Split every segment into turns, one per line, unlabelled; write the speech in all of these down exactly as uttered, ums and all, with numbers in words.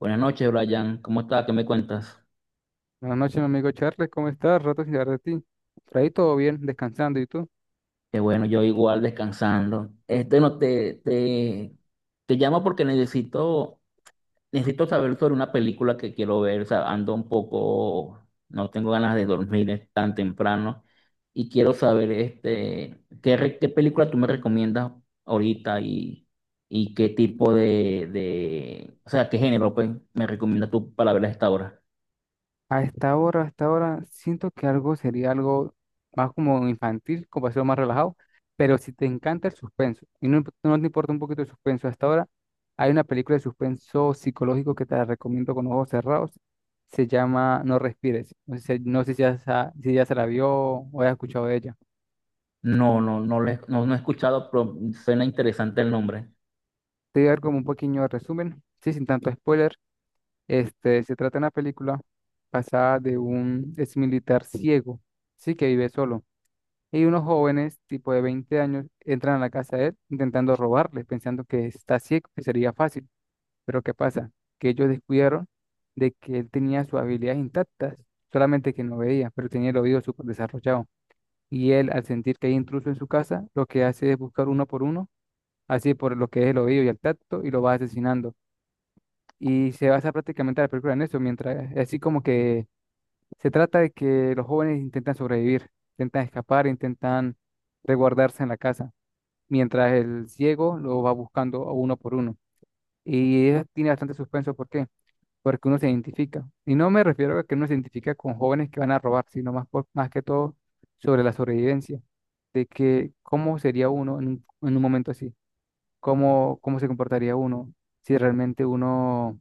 Buenas noches, Brian. ¿Cómo estás? ¿Qué me cuentas?
Buenas noches, mi amigo Charles, ¿cómo estás? Rato sin saber de ti. Por ahí todo bien, descansando, ¿y tú?
Que bueno, yo igual descansando. Este no te, te, te llamo porque necesito, necesito saber sobre una película que quiero ver. O sea, ando un poco, no tengo ganas de dormir es tan temprano. Y quiero saber este, qué, re- qué película tú me recomiendas ahorita y, y qué tipo de, de, o sea, qué género pues, me recomiendas tú para ver a esta hora.
A esta hora, a esta hora, siento que algo sería algo más como infantil, como ser más relajado, pero si te encanta el suspenso y no, imp- no te importa un poquito el suspenso. Hasta ahora hay una película de suspenso psicológico que te la recomiendo con ojos cerrados, se llama No Respires. No sé, si, no sé si ya, sa- si ya se la vio o has escuchado de ella.
No, no, no, le- no, no he escuchado, pero suena interesante el nombre.
Te voy a dar como un pequeño resumen, sí, sin tanto spoiler. Este, se trata de una película basada de un ex militar ciego, sí, que vive solo. Y unos jóvenes, tipo de veinte años, entran a la casa de él intentando robarle, pensando que está ciego, que sería fácil. Pero ¿qué pasa? Que ellos descubrieron de que él tenía sus habilidades intactas, solamente que no veía, pero tenía el oído súper desarrollado. Y él, al sentir que hay intruso en su casa, lo que hace es buscar uno por uno, así por lo que es el oído y el tacto, y lo va asesinando. Y se basa prácticamente la película en eso, mientras así como que se trata de que los jóvenes intentan sobrevivir, intentan escapar, intentan resguardarse en la casa mientras el ciego lo va buscando a uno por uno. Y es- tiene bastante suspenso, ¿por qué? Porque uno se identifica. Y no me refiero a que uno se identifica con jóvenes que van a robar, sino más, por- más que todo sobre la sobrevivencia, de que cómo sería uno en un, en un momento así, cómo, cómo se comportaría uno, si realmente uno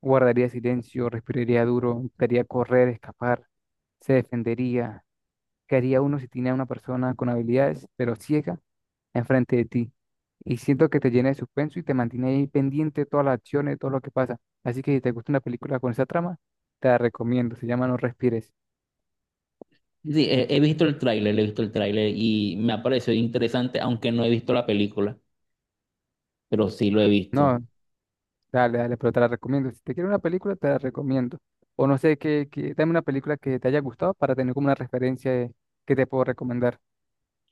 guardaría silencio, respiraría duro, intentaría correr, escapar, se defendería, qué haría uno si tiene a una persona con habilidades, pero ciega enfrente de ti. Y siento que te llena de suspenso y te mantiene ahí pendiente de todas las acciones, todo lo que pasa. Así que si te gusta una película con esa trama, te la recomiendo. Se llama No Respires.
Sí, sí, he, he visto el tráiler, he visto el tráiler y me ha parecido interesante, aunque no he visto la película, pero sí lo he visto.
No, dale, dale, pero te la recomiendo. Si te quieres una película, te la recomiendo. O no sé, que, que, dame una película que te haya gustado para tener como una referencia de- que te puedo recomendar.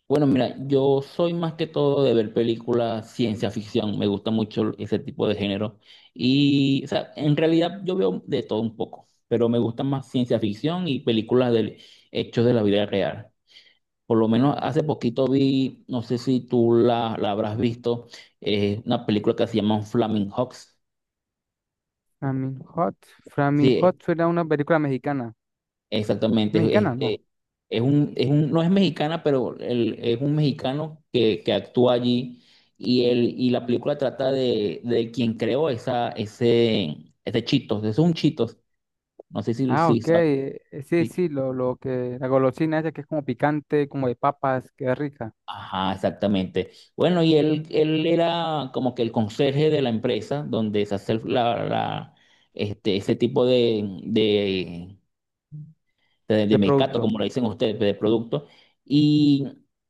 Bueno, mira, yo soy más que todo de ver películas ciencia ficción, me gusta mucho ese tipo de género y, o sea, en realidad yo veo de todo un poco, pero me gusta más ciencia ficción y películas de hechos de la vida real. Por lo menos hace poquito vi, no sé si tú la, la habrás visto, eh, una película que se llama Flaming Hawks.
Flaming Hot. Flaming
Sí,
Hot suena a una película mexicana.
exactamente.
¿Mexicana? No.
Este, es un, es un, no es mexicana, pero el- es un mexicano que, que actúa allí y, el, y la película trata de, de quien creó esa, ese, ese Cheetos, es un Cheetos, no sé si,
Ah,
si
ok.
sabes.
eh, Sí,
Sí.
sí, lo, lo que, la golosina esa que es como picante, como de papas, que es rica,
Ajá, exactamente. Bueno, y él, él era como que el conserje de la empresa donde se hace la, la- este, ese tipo de, de, de
de
mercado,
producto.
como lo dicen ustedes, de producto. Y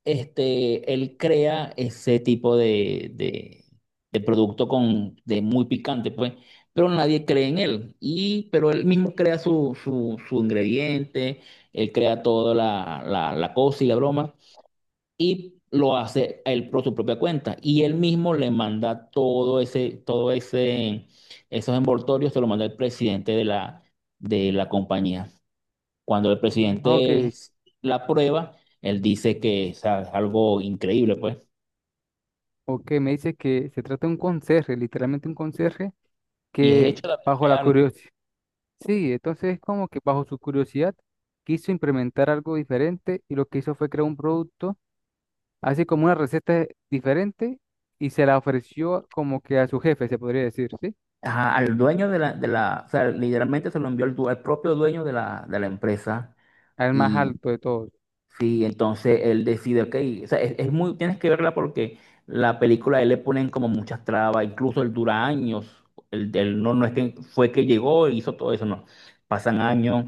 este, él crea ese tipo de, de, de producto con, de muy picante, pues, pero nadie cree en él, y, pero él mismo crea su, su, su ingrediente, él crea toda la, la, la cosa y la broma, y lo hace él por su propia cuenta, y él mismo le manda todo ese, todo ese, esos envoltorios, se lo manda el presidente de la, de la compañía. Cuando el
Ah,
presidente
ok,
la aprueba, él dice que, o sea, es a- algo increíble, pues.
ok, me dice que se trata de un conserje, literalmente un conserje
Y es
que
hecho de la vida
bajo la
real.
curiosidad, sí. Entonces es como que bajo su curiosidad quiso implementar algo diferente y lo que hizo fue crear un producto, así como una receta diferente, y se la ofreció como que a su jefe, se podría decir, ¿sí?
Ajá, al dueño de la, de la, o sea, literalmente se lo envió al du- al propio dueño de la, de la empresa.
Al más
Y
alto de todos.
sí, entonces él decide, ok, o sea, es, es muy, tienes que verla porque la película a él le ponen como muchas trabas, incluso él dura años, él, él no, no es que fue que llegó e hizo todo eso, no, pasan años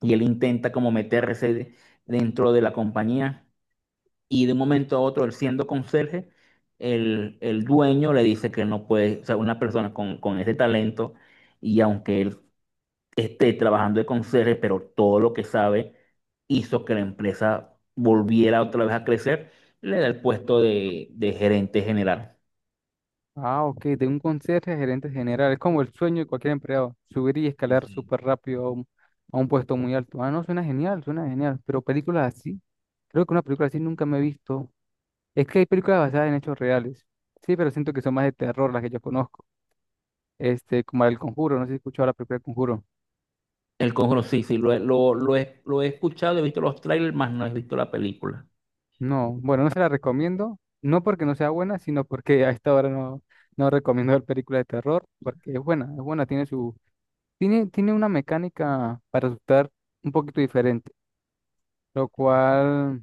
y él intenta como meterse dentro de la compañía y de un momento a otro, él siendo conserje, el, el dueño le dice que no puede, o sea, una persona con, con ese talento, y aunque él esté trabajando de conserje, pero todo lo que sabe hizo que la empresa volviera otra vez a crecer, le da el puesto de, de gerente general.
Ah, ok, de un conserje a gerente general, es como el sueño de cualquier empleado, subir y
Sí,
escalar
sí.
súper rápido a un, a un puesto muy alto. Ah, no, suena genial, suena genial, pero películas así. Creo que una película así nunca me he visto. Es que hay películas basadas en hechos reales. Sí, pero siento que son más de terror las que yo conozco. Este, como El Conjuro, no sé si has escuchado la película El Conjuro.
El Conjuro, sí, sí, lo, he- lo, lo he, lo he escuchado, he visto los trailers, más no he visto la película.
No, bueno, no se la recomiendo. No porque no sea buena, sino porque a esta hora no, no recomiendo ver películas de terror, porque es buena, es buena, tiene su, tiene, tiene una mecánica para asustar un poquito diferente, lo cual,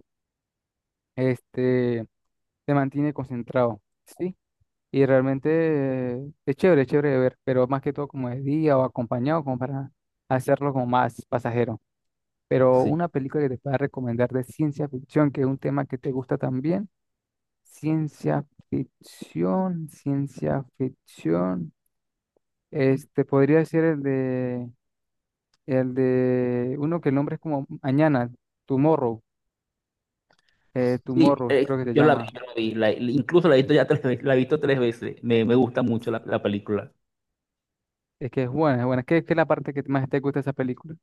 este, te mantiene concentrado, ¿sí? Y realmente eh, es chévere, es chévere de ver, pero más que todo como de día o acompañado, como para hacerlo como más pasajero. Pero
Sí,
una película que te pueda recomendar de ciencia ficción, que es un tema que te gusta también. Ciencia ficción, ciencia ficción. Este podría ser el de, el de, uno que el nombre es como Mañana, Tomorrow, eh,
sí,
Tomorrow,
eh,
creo que se
yo la vi,
llama.
yo la vi, la- incluso la he visto ya tres veces, la he visto tres veces, me, me gusta mucho la la película.
Es que es buena, es buena. ¿Qué, qué es la parte que más te gusta de esa película?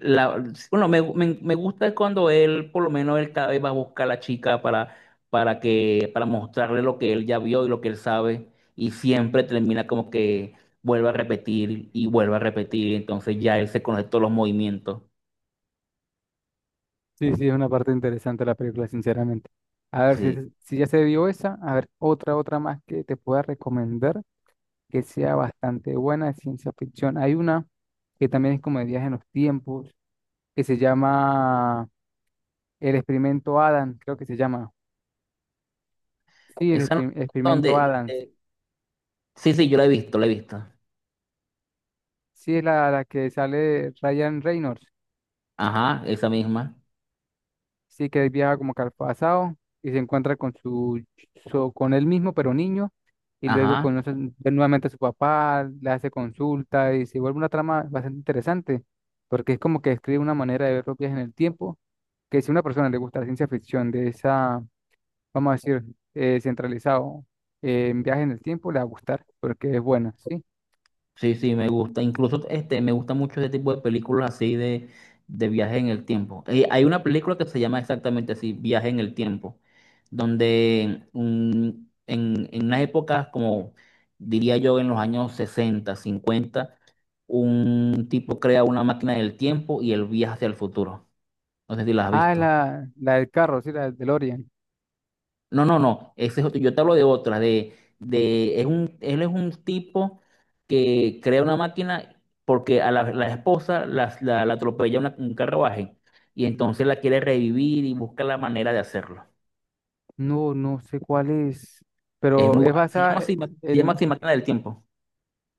La, bueno, me, me, me gusta cuando él, por lo menos él cada vez va a buscar a la chica para, para que, para mostrarle lo que él ya vio y lo que él sabe, y siempre termina como que vuelve a repetir y vuelve a repetir, entonces ya él se conoce todos los movimientos.
Sí, sí, es una parte interesante de la película, sinceramente. A ver, si,
Sí.
se- si ya se vio esa, a ver, otra, otra más que te pueda recomendar que sea bastante buena de ciencia ficción. Hay una que también es como de viaje en los tiempos, que se llama El Experimento Adams, creo que se llama. Sí, El
Esa no-
Exper- Experimento
donde,
Adams.
eh, Sí, sí, yo la he visto, la he visto.
Sí, es la, la que sale Ryan Reynolds.
Ajá, esa misma.
Sí, que él viaja como que al pasado y se encuentra con su, su- con él mismo, pero niño, y luego
Ajá.
conoce nuevamente a su papá, le hace consulta y se vuelve una trama bastante interesante, porque es como que describe una manera de ver los viajes en el tiempo, que si a una persona le gusta la ciencia ficción de esa, vamos a decir, eh, centralizado eh, en viajes en el tiempo, le va a gustar, porque es buena, ¿sí?
Sí, sí, me gusta. Incluso este, me gusta mucho este tipo de películas así de, de viaje en el tiempo. Eh, hay una película que se llama exactamente así, Viaje en el Tiempo, donde un- en, en unas épocas como diría yo en los años sesenta, cincuenta, un tipo crea una máquina del tiempo y él viaja hacia el futuro. No sé si la has
Ah,
visto.
la, la del carro, sí, la del DeLorean.
No, no, no. Ese es otro. Yo te hablo de otra. De, de, es un, él es un tipo que crea una máquina porque a la, la esposa la, la, la atropella una- un carruaje y entonces la quiere revivir y busca la manera de hacerlo.
No, no sé cuál es,
Es
pero
muy
es
bu- Se
basada
llama
eh,
así, ma- Se llama
en...
así Máquina del Tiempo.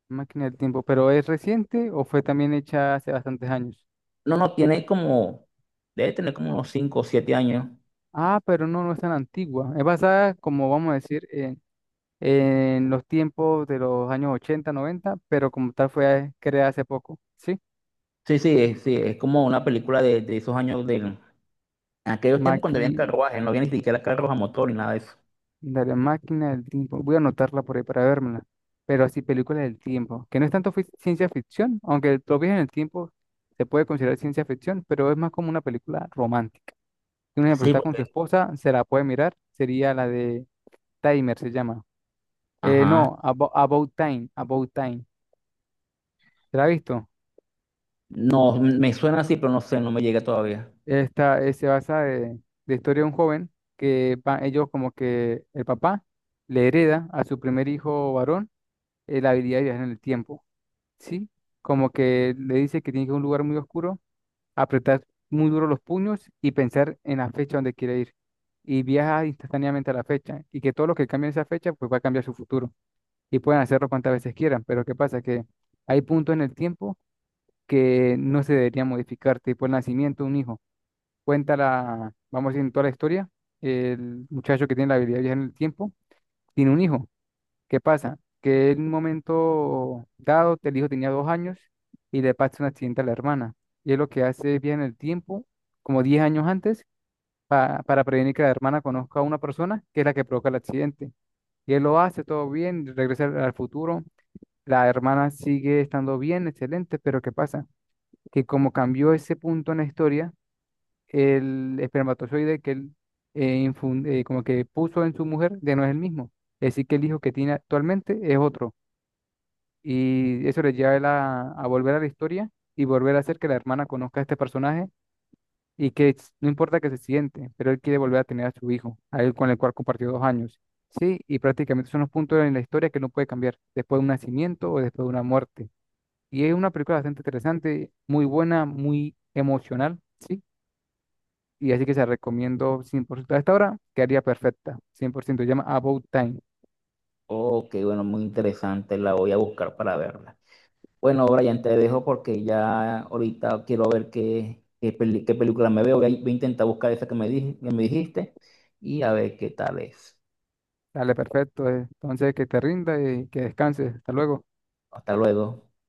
Máquina del tiempo, pero ¿es reciente o fue también hecha hace bastantes años?
No, no, tiene como, debe tener como unos cinco o siete años.
Ah, pero no, no es tan antigua. Es basada, como vamos a decir, en, en los tiempos de los años ochenta, noventa, pero como tal fue creada hace poco, ¿sí?
Sí, sí, es- sí, es como una película de, de esos años de aquellos tiempos cuando había
Maqui,
carruajes, no había ni siquiera carros a motor ni nada de eso.
de la máquina del tiempo. Voy a anotarla por ahí para vérmela. Pero así, película del tiempo, que no es tanto fi- ciencia ficción, aunque el- los viajes en el tiempo se puede considerar ciencia ficción, pero es más como una película romántica. Un ejemplo,
Sí,
está con su
porque,
esposa, se la puede mirar, sería la de... Timer se llama. Eh,
ajá.
no, Abo- About Time, About Time. ¿Te la has visto?
No, me suena así, pero no sé, no me llega todavía.
Esta, eh, se basa de, de, historia de un joven que va- ellos como que el papá le hereda a su primer hijo varón eh, la habilidad de viajar en el tiempo, ¿sí? Como que le dice que tiene que ir a un lugar muy oscuro, apretar muy duro los puños y pensar en la fecha donde quiere ir. Y viaja instantáneamente a la fecha y que todo lo que cambie en esa fecha pues va a cambiar su futuro y pueden hacerlo cuantas veces quieran, pero ¿qué pasa? Que hay puntos en el tiempo que no se debería modificar, tipo el nacimiento de un hijo. Cuenta la, vamos a decir, en toda la historia, el muchacho que tiene la habilidad de viajar en el tiempo, tiene un hijo. ¿Qué pasa? Que en un momento dado, el hijo tenía dos años y le pasa un accidente a la hermana. Y él lo que hace es viajar en el tiempo, como diez años antes, pa- para prevenir que la hermana conozca a una persona que es la que provoca el accidente. Y él lo hace todo bien, regresa al al futuro. La hermana sigue estando bien, excelente, pero ¿qué pasa? Que como cambió ese punto en la historia, el espermatozoide que él eh, infun- eh, como que puso en su mujer ya no es el mismo. Es decir, que el hijo que tiene actualmente es otro. Y eso le lleva a, él a a volver a la historia y volver a hacer que la hermana conozca a este personaje y que s- no importa que se siente, pero él quiere volver a tener a su hijo, a él con el cual compartió dos años. Sí, y prácticamente son los puntos en la historia que no puede cambiar después de un nacimiento o después de una muerte. Y es una película bastante interesante, muy buena, muy emocional, ¿sí? Y así que se la recomiendo cien por ciento. A esta hora quedaría perfecta, cien por ciento. Se llama About Time.
Ok, bueno, muy interesante, la voy a buscar para verla. Bueno, Brian, te dejo porque ya ahorita quiero ver qué, qué, peli- qué película me veo. Voy a, voy a intentar buscar esa que me, dij- que me dijiste y a ver qué tal es.
Dale, perfecto. eh. Entonces, que te rinda y que descanses. Hasta luego.
Hasta luego.